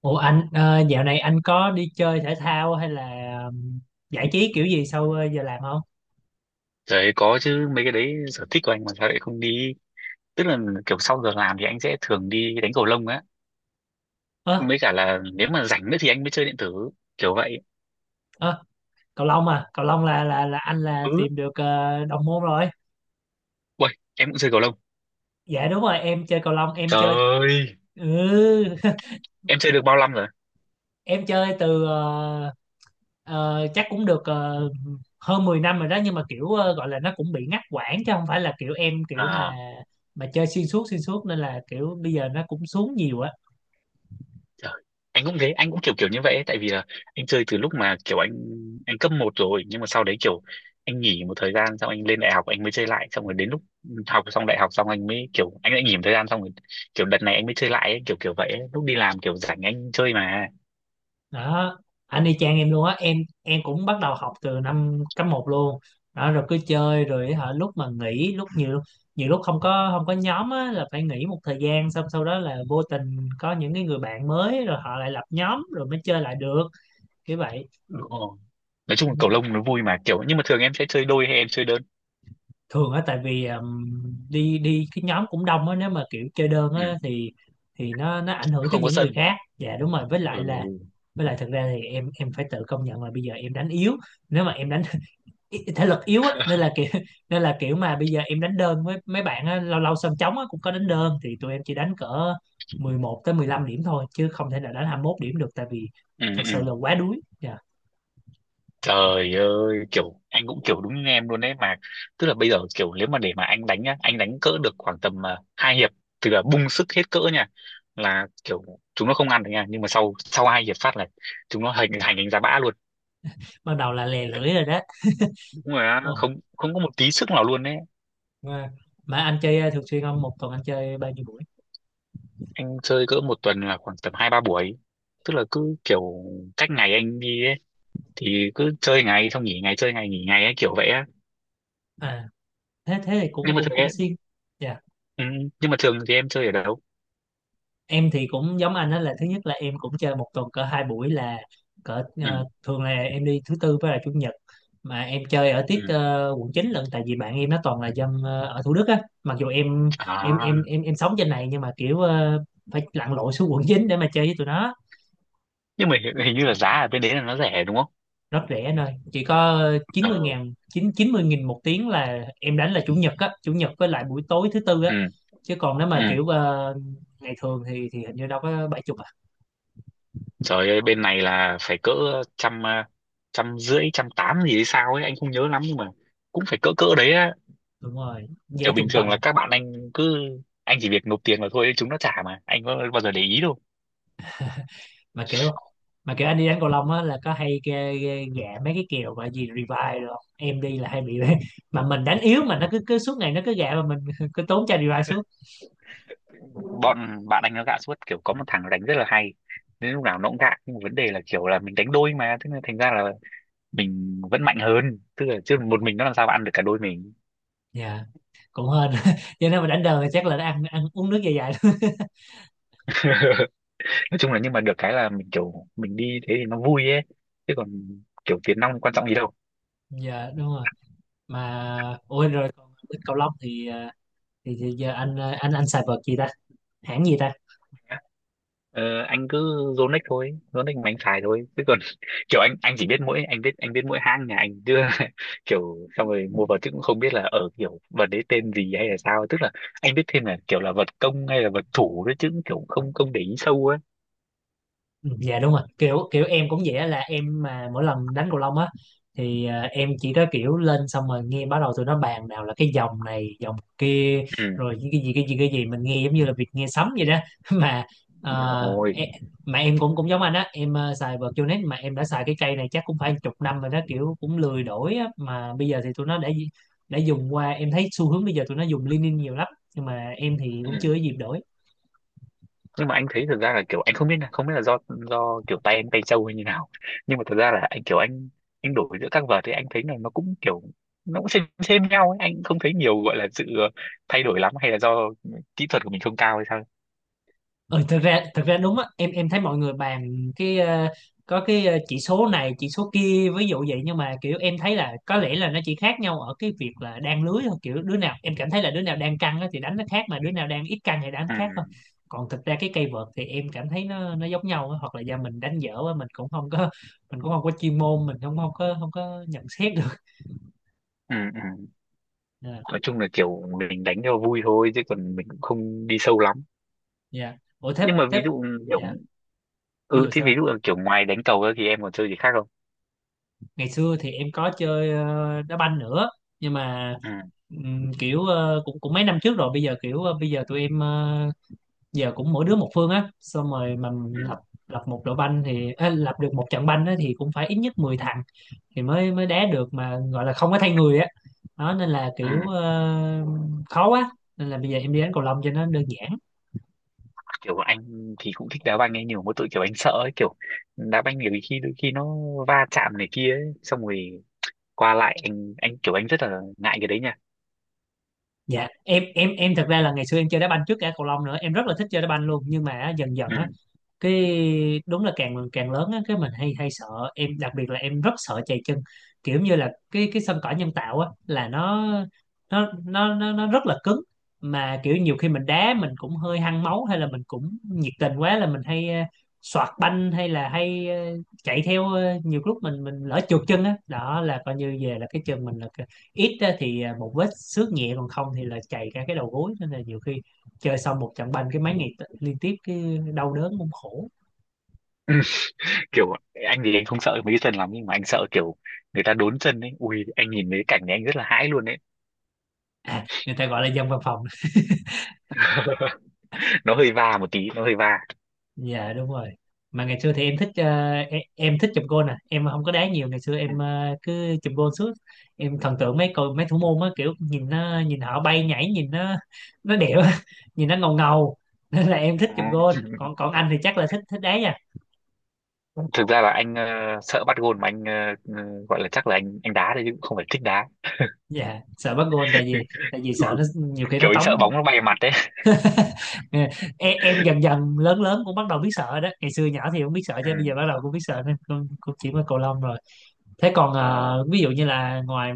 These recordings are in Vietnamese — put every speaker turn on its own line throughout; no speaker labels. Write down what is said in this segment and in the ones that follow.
Ủa anh, dạo này anh có đi chơi thể thao hay là ừm, giải trí kiểu gì sau giờ làm không?
Đấy, có chứ, mấy cái đấy sở thích của anh mà sao lại không đi. Tức là kiểu sau giờ làm thì anh sẽ thường đi đánh cầu lông á,
Ơ
mới cả là nếu mà rảnh nữa thì anh mới chơi điện tử kiểu vậy.
ơ cầu lông à, cầu lông là anh là
Ừ.
tìm được đồng môn rồi.
Uầy, em cũng chơi cầu lông.
Dạ đúng rồi, em chơi cầu lông, em chơi,
Trời ơi,
ừ.
em chơi được bao năm rồi?
Em chơi từ chắc cũng được, hơn 10 năm rồi đó, nhưng mà kiểu gọi là nó cũng bị ngắt quãng, chứ không phải là kiểu em kiểu
À.
mà chơi xuyên suốt, nên là kiểu bây giờ nó cũng xuống nhiều á.
Trời, anh cũng thế, anh cũng kiểu kiểu như vậy ấy, tại vì là anh chơi từ lúc mà kiểu anh cấp một rồi, nhưng mà sau đấy kiểu anh nghỉ một thời gian, xong anh lên đại học anh mới chơi lại, xong rồi đến lúc học xong đại học xong anh mới kiểu anh lại nghỉ một thời gian, xong rồi kiểu đợt này anh mới chơi lại ấy, kiểu kiểu vậy ấy. Lúc đi làm kiểu rảnh anh chơi mà.
Đó, anh y chang em luôn á. Em cũng bắt đầu học từ năm cấp một luôn, đó rồi cứ chơi rồi hả, lúc mà nghỉ lúc nhiều, nhiều lúc không có nhóm á là phải nghỉ một thời gian, xong sau đó là vô tình có những cái người bạn mới, rồi họ lại lập nhóm rồi mới chơi lại được, kiểu vậy.
Đúng rồi. Nói chung là cầu lông nó vui mà kiểu, nhưng mà thường em sẽ chơi đôi hay em chơi đơn?
Thường á, tại vì đi đi cái nhóm cũng đông á, nếu mà kiểu chơi đơn
Ừ.
á thì thì nó ảnh hưởng tới
Không có
những người
sân.
khác. Dạ đúng rồi, với lại là,
Ừ.
với lại thực ra thì em phải tự công nhận là bây giờ em đánh yếu. Nếu mà em đánh thể lực yếu á, nên là kiểu nên là kiểu mà bây giờ em đánh đơn với mấy bạn á, lâu lâu sân trống á, cũng có đánh đơn, thì tụi em chỉ đánh cỡ 11 tới 15 điểm thôi, chứ không thể nào đánh 21 điểm được, tại vì
Ừ,
thật
ừ.
sự là quá đuối. Dạ,
Trời ơi, kiểu anh cũng kiểu đúng như em luôn đấy mà. Tức là bây giờ kiểu nếu mà để mà anh đánh nhá, anh đánh cỡ được khoảng tầm 2 hiệp, tức là bung sức hết cỡ nha, là kiểu chúng nó không ăn được nha, nhưng mà sau sau 2 hiệp phát là chúng nó hành hành đánh giá bã luôn.
bắt đầu là lè lưỡi rồi đó.
Đúng là
Ồ,
không không có một tí sức nào luôn đấy.
mà, mà anh chơi thường xuyên không, một tuần anh chơi bao nhiêu buổi?
Anh chơi cỡ một tuần là khoảng tầm 2-3 buổi. Tức là cứ kiểu cách ngày anh đi ấy, thì cứ chơi ngày xong nghỉ ngày, chơi ngày nghỉ ngày ấy kiểu vậy á.
À, thế thế thì
Nhưng
cũng
mà
cũng
thường
cũng
ấy,
xuyên. Dạ,
ừ, nhưng mà thường thì em chơi ở đâu?
em thì cũng giống anh đó, là thứ nhất là em cũng chơi một tuần cỡ hai buổi, là cỡ
Ừ.
thường là em đi thứ tư với là chủ nhật. Mà em chơi ở tiết
Ừ.
quận 9 lận, tại vì bạn em nó toàn là dân ở Thủ Đức á, mặc dù em em
À.
em em em sống trên này nhưng mà kiểu phải lặn lội xuống quận 9 để mà chơi với tụi nó.
Nhưng mà hình như là giá ở bên đấy là nó rẻ đúng không?
Rất rẻ anh ơi, chỉ có chín mươi
Ờ,
ngàn, chín chín mươi nghìn một tiếng là em đánh, là chủ nhật á, chủ nhật với lại buổi tối thứ tư á.
ừ,
Chứ còn nếu
ừ.
mà kiểu ngày thường thì hình như đâu có bảy chục à.
Trời ơi, bên này là phải cỡ trăm trăm rưỡi trăm tám gì hay sao ấy, anh không nhớ lắm, nhưng mà cũng phải cỡ cỡ đấy á.
Đúng rồi,
Kiểu
dễ
bình
trung
thường
tâm.
là các bạn anh cứ anh chỉ việc nộp tiền vào thôi, chúng nó trả mà anh có bao giờ để ý đâu.
Mà kiểu, mà kiểu anh đi đánh cầu lông á, là có hay ghê, ghê, gạ mấy cái kèo mà gì revive rồi không? Em đi là hay bị mà mình đánh yếu, mà nó cứ cứ suốt ngày nó cứ gạ mà mình cứ tốn chai revive suốt.
Bọn bạn anh nó gạ suốt, kiểu có một thằng đánh rất là hay nên lúc nào nó cũng gạ, nhưng mà vấn đề là kiểu là mình đánh đôi mà, thế nên thành ra là mình vẫn mạnh hơn, tức là chứ một mình nó làm sao mà ăn được cả đôi mình.
Dạ cũng hên cho nên mà đánh đời thì chắc là nó ăn, ăn uống nước dài dài thôi.
Nói chung là nhưng mà được cái là mình kiểu mình đi thế thì nó vui ấy, chứ còn kiểu tiền nong quan trọng gì đâu.
Dạ đúng rồi. Mà ôi rồi, còn bên cầu lông thì thì giờ anh, anh xài vợt gì ta, hãng gì ta?
Ờ, anh cứ Yonex thôi, Yonex mà anh xài thôi, chứ còn kiểu anh chỉ biết mỗi anh biết mỗi hãng nhà anh chứ. Kiểu xong rồi mua vào chứ cũng không biết là ở kiểu vật đấy tên gì hay là sao, tức là anh biết thêm là kiểu là vật công hay là vật thủ đấy chứ, cũng kiểu không không để ý sâu ấy.
Ừ, dạ đúng rồi, kiểu kiểu em cũng vậy á, là em mà mỗi lần đánh cầu lông á thì, à, em chỉ có kiểu lên xong rồi nghe, bắt đầu tụi nó bàn nào là cái dòng này dòng kia,
Ừ,
rồi những cái gì mình nghe giống như là việc nghe sấm vậy đó. Mà
đúng rồi.
em, mà em cũng cũng giống anh á, em à, xài Botanic, mà em đã xài cái cây này chắc cũng phải chục năm rồi đó, kiểu cũng lười đổi á. Mà bây giờ thì tụi nó đã dùng qua, em thấy xu hướng bây giờ tụi nó dùng Linen nhiều lắm, nhưng mà em thì
Ừ.
cũng chưa có dịp đổi.
Nhưng mà anh thấy thật ra là kiểu anh không biết nha, không biết là do kiểu tay anh tay trâu hay như nào, nhưng mà thật ra là anh kiểu anh đổi giữa các vợt thì anh thấy là nó cũng kiểu nó cũng xem nhau ấy. Anh không thấy nhiều gọi là sự thay đổi lắm, hay là do kỹ thuật của mình không cao hay sao.
Ừ, thực ra đúng á, em thấy mọi người bàn cái có cái chỉ số này chỉ số kia ví dụ vậy, nhưng mà kiểu em thấy là có lẽ là nó chỉ khác nhau ở cái việc là đan lưới thôi, kiểu đứa nào em cảm thấy là đứa nào đang căng á thì đánh nó khác, mà đứa nào đang ít căng thì đánh
Ừ,
khác thôi. Còn thực ra cái cây vợt thì em cảm thấy nó giống nhau á, hoặc là do mình đánh dở á, mình cũng không có chuyên môn, mình không không có không có nhận xét được.
ừ, ừ.
Ờ,
Nói chung là kiểu mình đánh cho vui thôi chứ còn mình cũng không đi sâu lắm.
dạ ủa thế
Nhưng mà ví
thế
dụ, kiểu,
dạ, ví
ừ
dụ
thì
sao
ví
anh?
dụ là kiểu ngoài đánh cầu ra thì em còn chơi gì khác không?
Ngày xưa thì em có chơi đá banh nữa, nhưng mà
Ừ,
kiểu cũng, cũng mấy năm trước rồi, bây giờ kiểu bây giờ tụi em, giờ cũng mỗi đứa một phương á, xong rồi mà
ừ,
lập lập một đội banh thì á, lập được một trận banh á, thì cũng phải ít nhất 10 thằng thì mới mới đá được, mà gọi là không có thay người á, đó nên là
ừ.
kiểu khó quá, nên là bây giờ em đi đánh cầu lông cho nó đơn giản.
Kiểu anh thì cũng thích đá banh ấy nhiều, mỗi tội kiểu anh sợ ấy, kiểu đá banh nhiều khi đôi khi nó va chạm này kia ấy, xong rồi qua lại anh kiểu anh rất là ngại cái đấy nha.
Dạ em, em thật ra là ngày xưa em chơi đá banh trước cả cầu lông nữa, em rất là thích chơi đá banh luôn, nhưng mà á, dần dần á
Ừ.
cái, đúng là càng càng lớn á cái mình hay, hay sợ. Em đặc biệt là em rất sợ chày chân, kiểu như là cái sân cỏ nhân tạo á là nó rất là cứng, mà kiểu nhiều khi mình đá mình cũng hơi hăng máu, hay là mình cũng nhiệt tình quá là mình hay soạt banh, hay là hay chạy theo, nhiều lúc mình lỡ trượt chân á, đó là coi như về là cái chân mình là cái-, ít á thì một vết xước nhẹ, còn không thì là chày cả cái đầu gối, nên là nhiều khi chơi xong một trận banh cái mấy ngày liên tiếp cái đau đớn cũng khổ.
Kiểu anh thì anh không sợ mấy cái chân lắm, nhưng mà anh sợ kiểu người ta đốn chân ấy, ui anh nhìn mấy cái cảnh này anh rất là hãi luôn ấy.
À, người ta gọi là dân văn phòng.
Nó hơi va một tí nó hơi va.
Dạ đúng rồi. Mà ngày xưa thì em thích em thích chụp gôn nè, em không có đá nhiều, ngày xưa
Ừ.
em cứ chụp gôn suốt. Em thần tượng mấy mấy thủ môn á, kiểu nhìn nó, nhìn họ bay nhảy, nhìn nó đẹp á, nhìn nó ngầu ngầu. Nên là em thích
Ừ.
chụp gôn. Còn còn anh thì chắc là thích thích đá nha.
Thực ra là anh sợ bắt gôn mà anh ờ, gọi là chắc là anh đá thôi, chứ cũng không phải thích đá.
Dạ sợ bắt gôn, tại vì
Ừ.
sợ nó nhiều khi
Kiểu
nó
anh sợ
tống.
bóng nó bay vào mặt đấy.
Ờ, em dần dần lớn lớn cũng bắt đầu biết sợ đó, ngày xưa nhỏ thì không biết sợ,
Ừ.
chứ bây giờ bắt đầu cũng biết sợ, nên cũng, cũng chỉ có cầu lông rồi. Thế còn ví dụ như là ngoài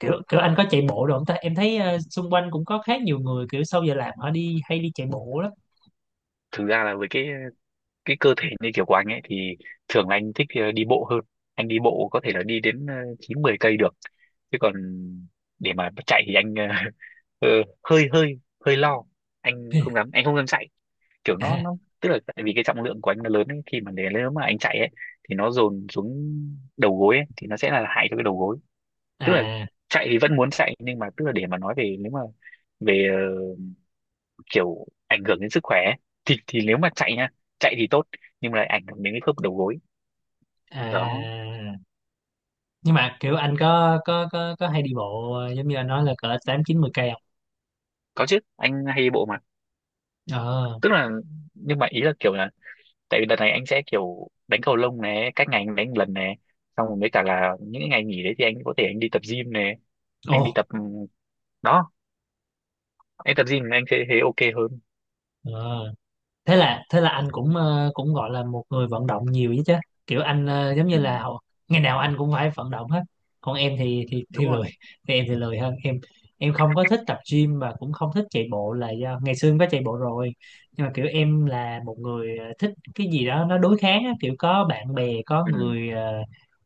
kiểu kiểu anh có chạy bộ rồi không ta, em thấy xung quanh cũng có khá nhiều người kiểu sau giờ làm họ đi, hay đi chạy bộ lắm.
Thực ra là với cái cơ thể như kiểu của anh ấy thì thường là anh thích đi bộ hơn. Anh đi bộ có thể là đi đến 9-10 cây được, chứ còn để mà chạy thì anh ờ, hơi hơi hơi lo, anh không dám chạy. Kiểu
À,
nó tức là tại vì cái trọng lượng của anh nó lớn ấy, khi mà để nếu mà anh chạy ấy thì nó dồn xuống đầu gối ấy, thì nó sẽ là hại cho cái đầu gối. Tức là
à,
chạy thì vẫn muốn chạy, nhưng mà tức là để mà nói về nếu mà về kiểu ảnh hưởng đến sức khỏe ấy. Thì nếu mà chạy nha, chạy thì tốt nhưng mà lại ảnh hưởng đến cái khớp đầu gối. Đó,
à. Nhưng mà kiểu anh có có hay đi bộ giống như anh nói là cỡ tám chín mười cây không?
có chứ, anh hay đi bộ mà.
Ờ,
Tức là nhưng mà ý là kiểu là tại vì đợt này anh sẽ kiểu đánh cầu lông này cách ngày anh đánh một lần này, xong rồi với cả là những cái ngày nghỉ đấy thì anh có thể anh đi tập gym này,
ồ,
anh đi tập, đó, anh tập gym anh sẽ thấy ok hơn.
ờ. Thế là anh cũng cũng gọi là một người vận động nhiều chứ chứ, kiểu anh giống
Ừ,
như là ngày nào anh cũng phải vận động hết. Còn em thì thì
đúng rồi.
lười, thì em thì lười hơn em không có thích tập gym và cũng không thích chạy bộ, là do ngày xưa em có chạy bộ rồi, nhưng mà kiểu em là một người thích cái gì đó nó đối kháng á, kiểu có bạn bè có
Ừ.
người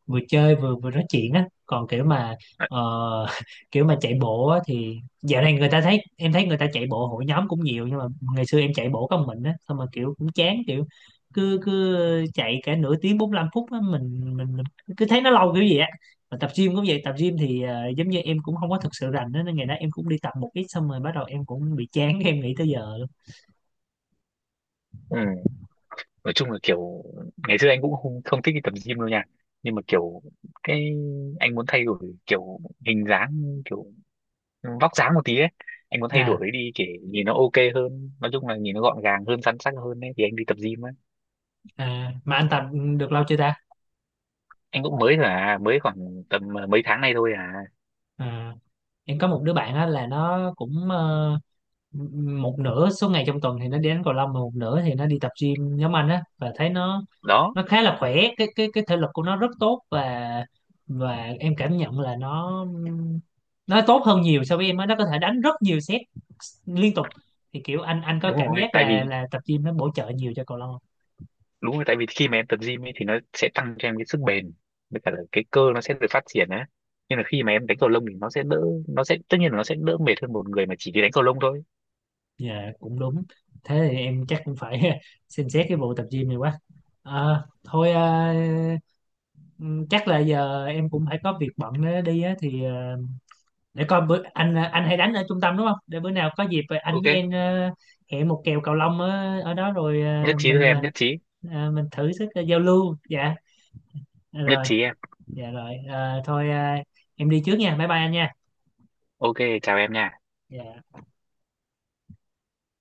vừa chơi vừa vừa nói chuyện á, còn kiểu mà ờ, kiểu mà chạy bộ á, thì dạo này người ta thấy, em thấy người ta chạy bộ hội nhóm cũng nhiều, nhưng mà ngày xưa em chạy bộ có một mình á, xong mà kiểu cũng chán, kiểu cứ cứ chạy cả nửa tiếng 45 phút á, mình cứ thấy nó lâu kiểu gì á. Mà tập gym cũng vậy, tập gym thì giống như em cũng không có thực sự rành á, nên ngày đó em cũng đi tập một ít, xong rồi bắt đầu em cũng bị chán, em nghỉ tới giờ luôn.
Ừ. Nói chung là kiểu ngày xưa anh cũng không thích đi tập gym đâu nha, nhưng mà kiểu cái anh muốn thay đổi kiểu hình dáng, kiểu vóc dáng một tí ấy, anh muốn thay
À,
đổi đi để nhìn nó ok hơn, nói chung là nhìn nó gọn gàng hơn săn sắc hơn ấy thì anh đi tập gym ấy.
à mà anh tập được lâu chưa ta?
Anh cũng mới thôi à, mới khoảng tầm à, mấy tháng nay thôi à.
À, em có một đứa bạn á, là nó cũng một nửa số ngày trong tuần thì nó đi đánh cầu lông, mà một nửa thì nó đi tập gym nhóm anh á, và thấy
Đó,
nó khá là khỏe, cái cái thể lực của nó rất tốt, và em cảm nhận là nó tốt hơn nhiều so với em á, nó có thể đánh rất nhiều set liên tục. Thì kiểu anh có
đúng
cảm
rồi
giác
tại
là
vì
tập gym nó bổ trợ nhiều cho cầu lông không?
đúng rồi tại vì khi mà em tập gym ấy thì nó sẽ tăng cho em cái sức bền, với cả là cái cơ nó sẽ được phát triển á, nhưng là khi mà em đánh cầu lông thì nó sẽ tất nhiên là nó sẽ đỡ mệt hơn một người mà chỉ đi đánh cầu lông thôi.
Dạ, cũng đúng, thế thì em chắc cũng phải xem xét cái vụ tập gym này quá. Ờ, thôi chắc là giờ em cũng phải có việc bận đó đi á, thì để coi bữa anh hay đánh ở trung tâm đúng không, để bữa nào có dịp anh với
Ok.
em hẹn một kèo cầu lông ở, ở đó rồi,
Nhất trí thôi em, nhất trí.
mình thử sức, giao lưu. Dạ
Nhất
rồi,
trí em.
dạ rồi. Ờ, thôi em đi trước nha, bye bye anh nha.
Ok. Chào em nha.
Dạ.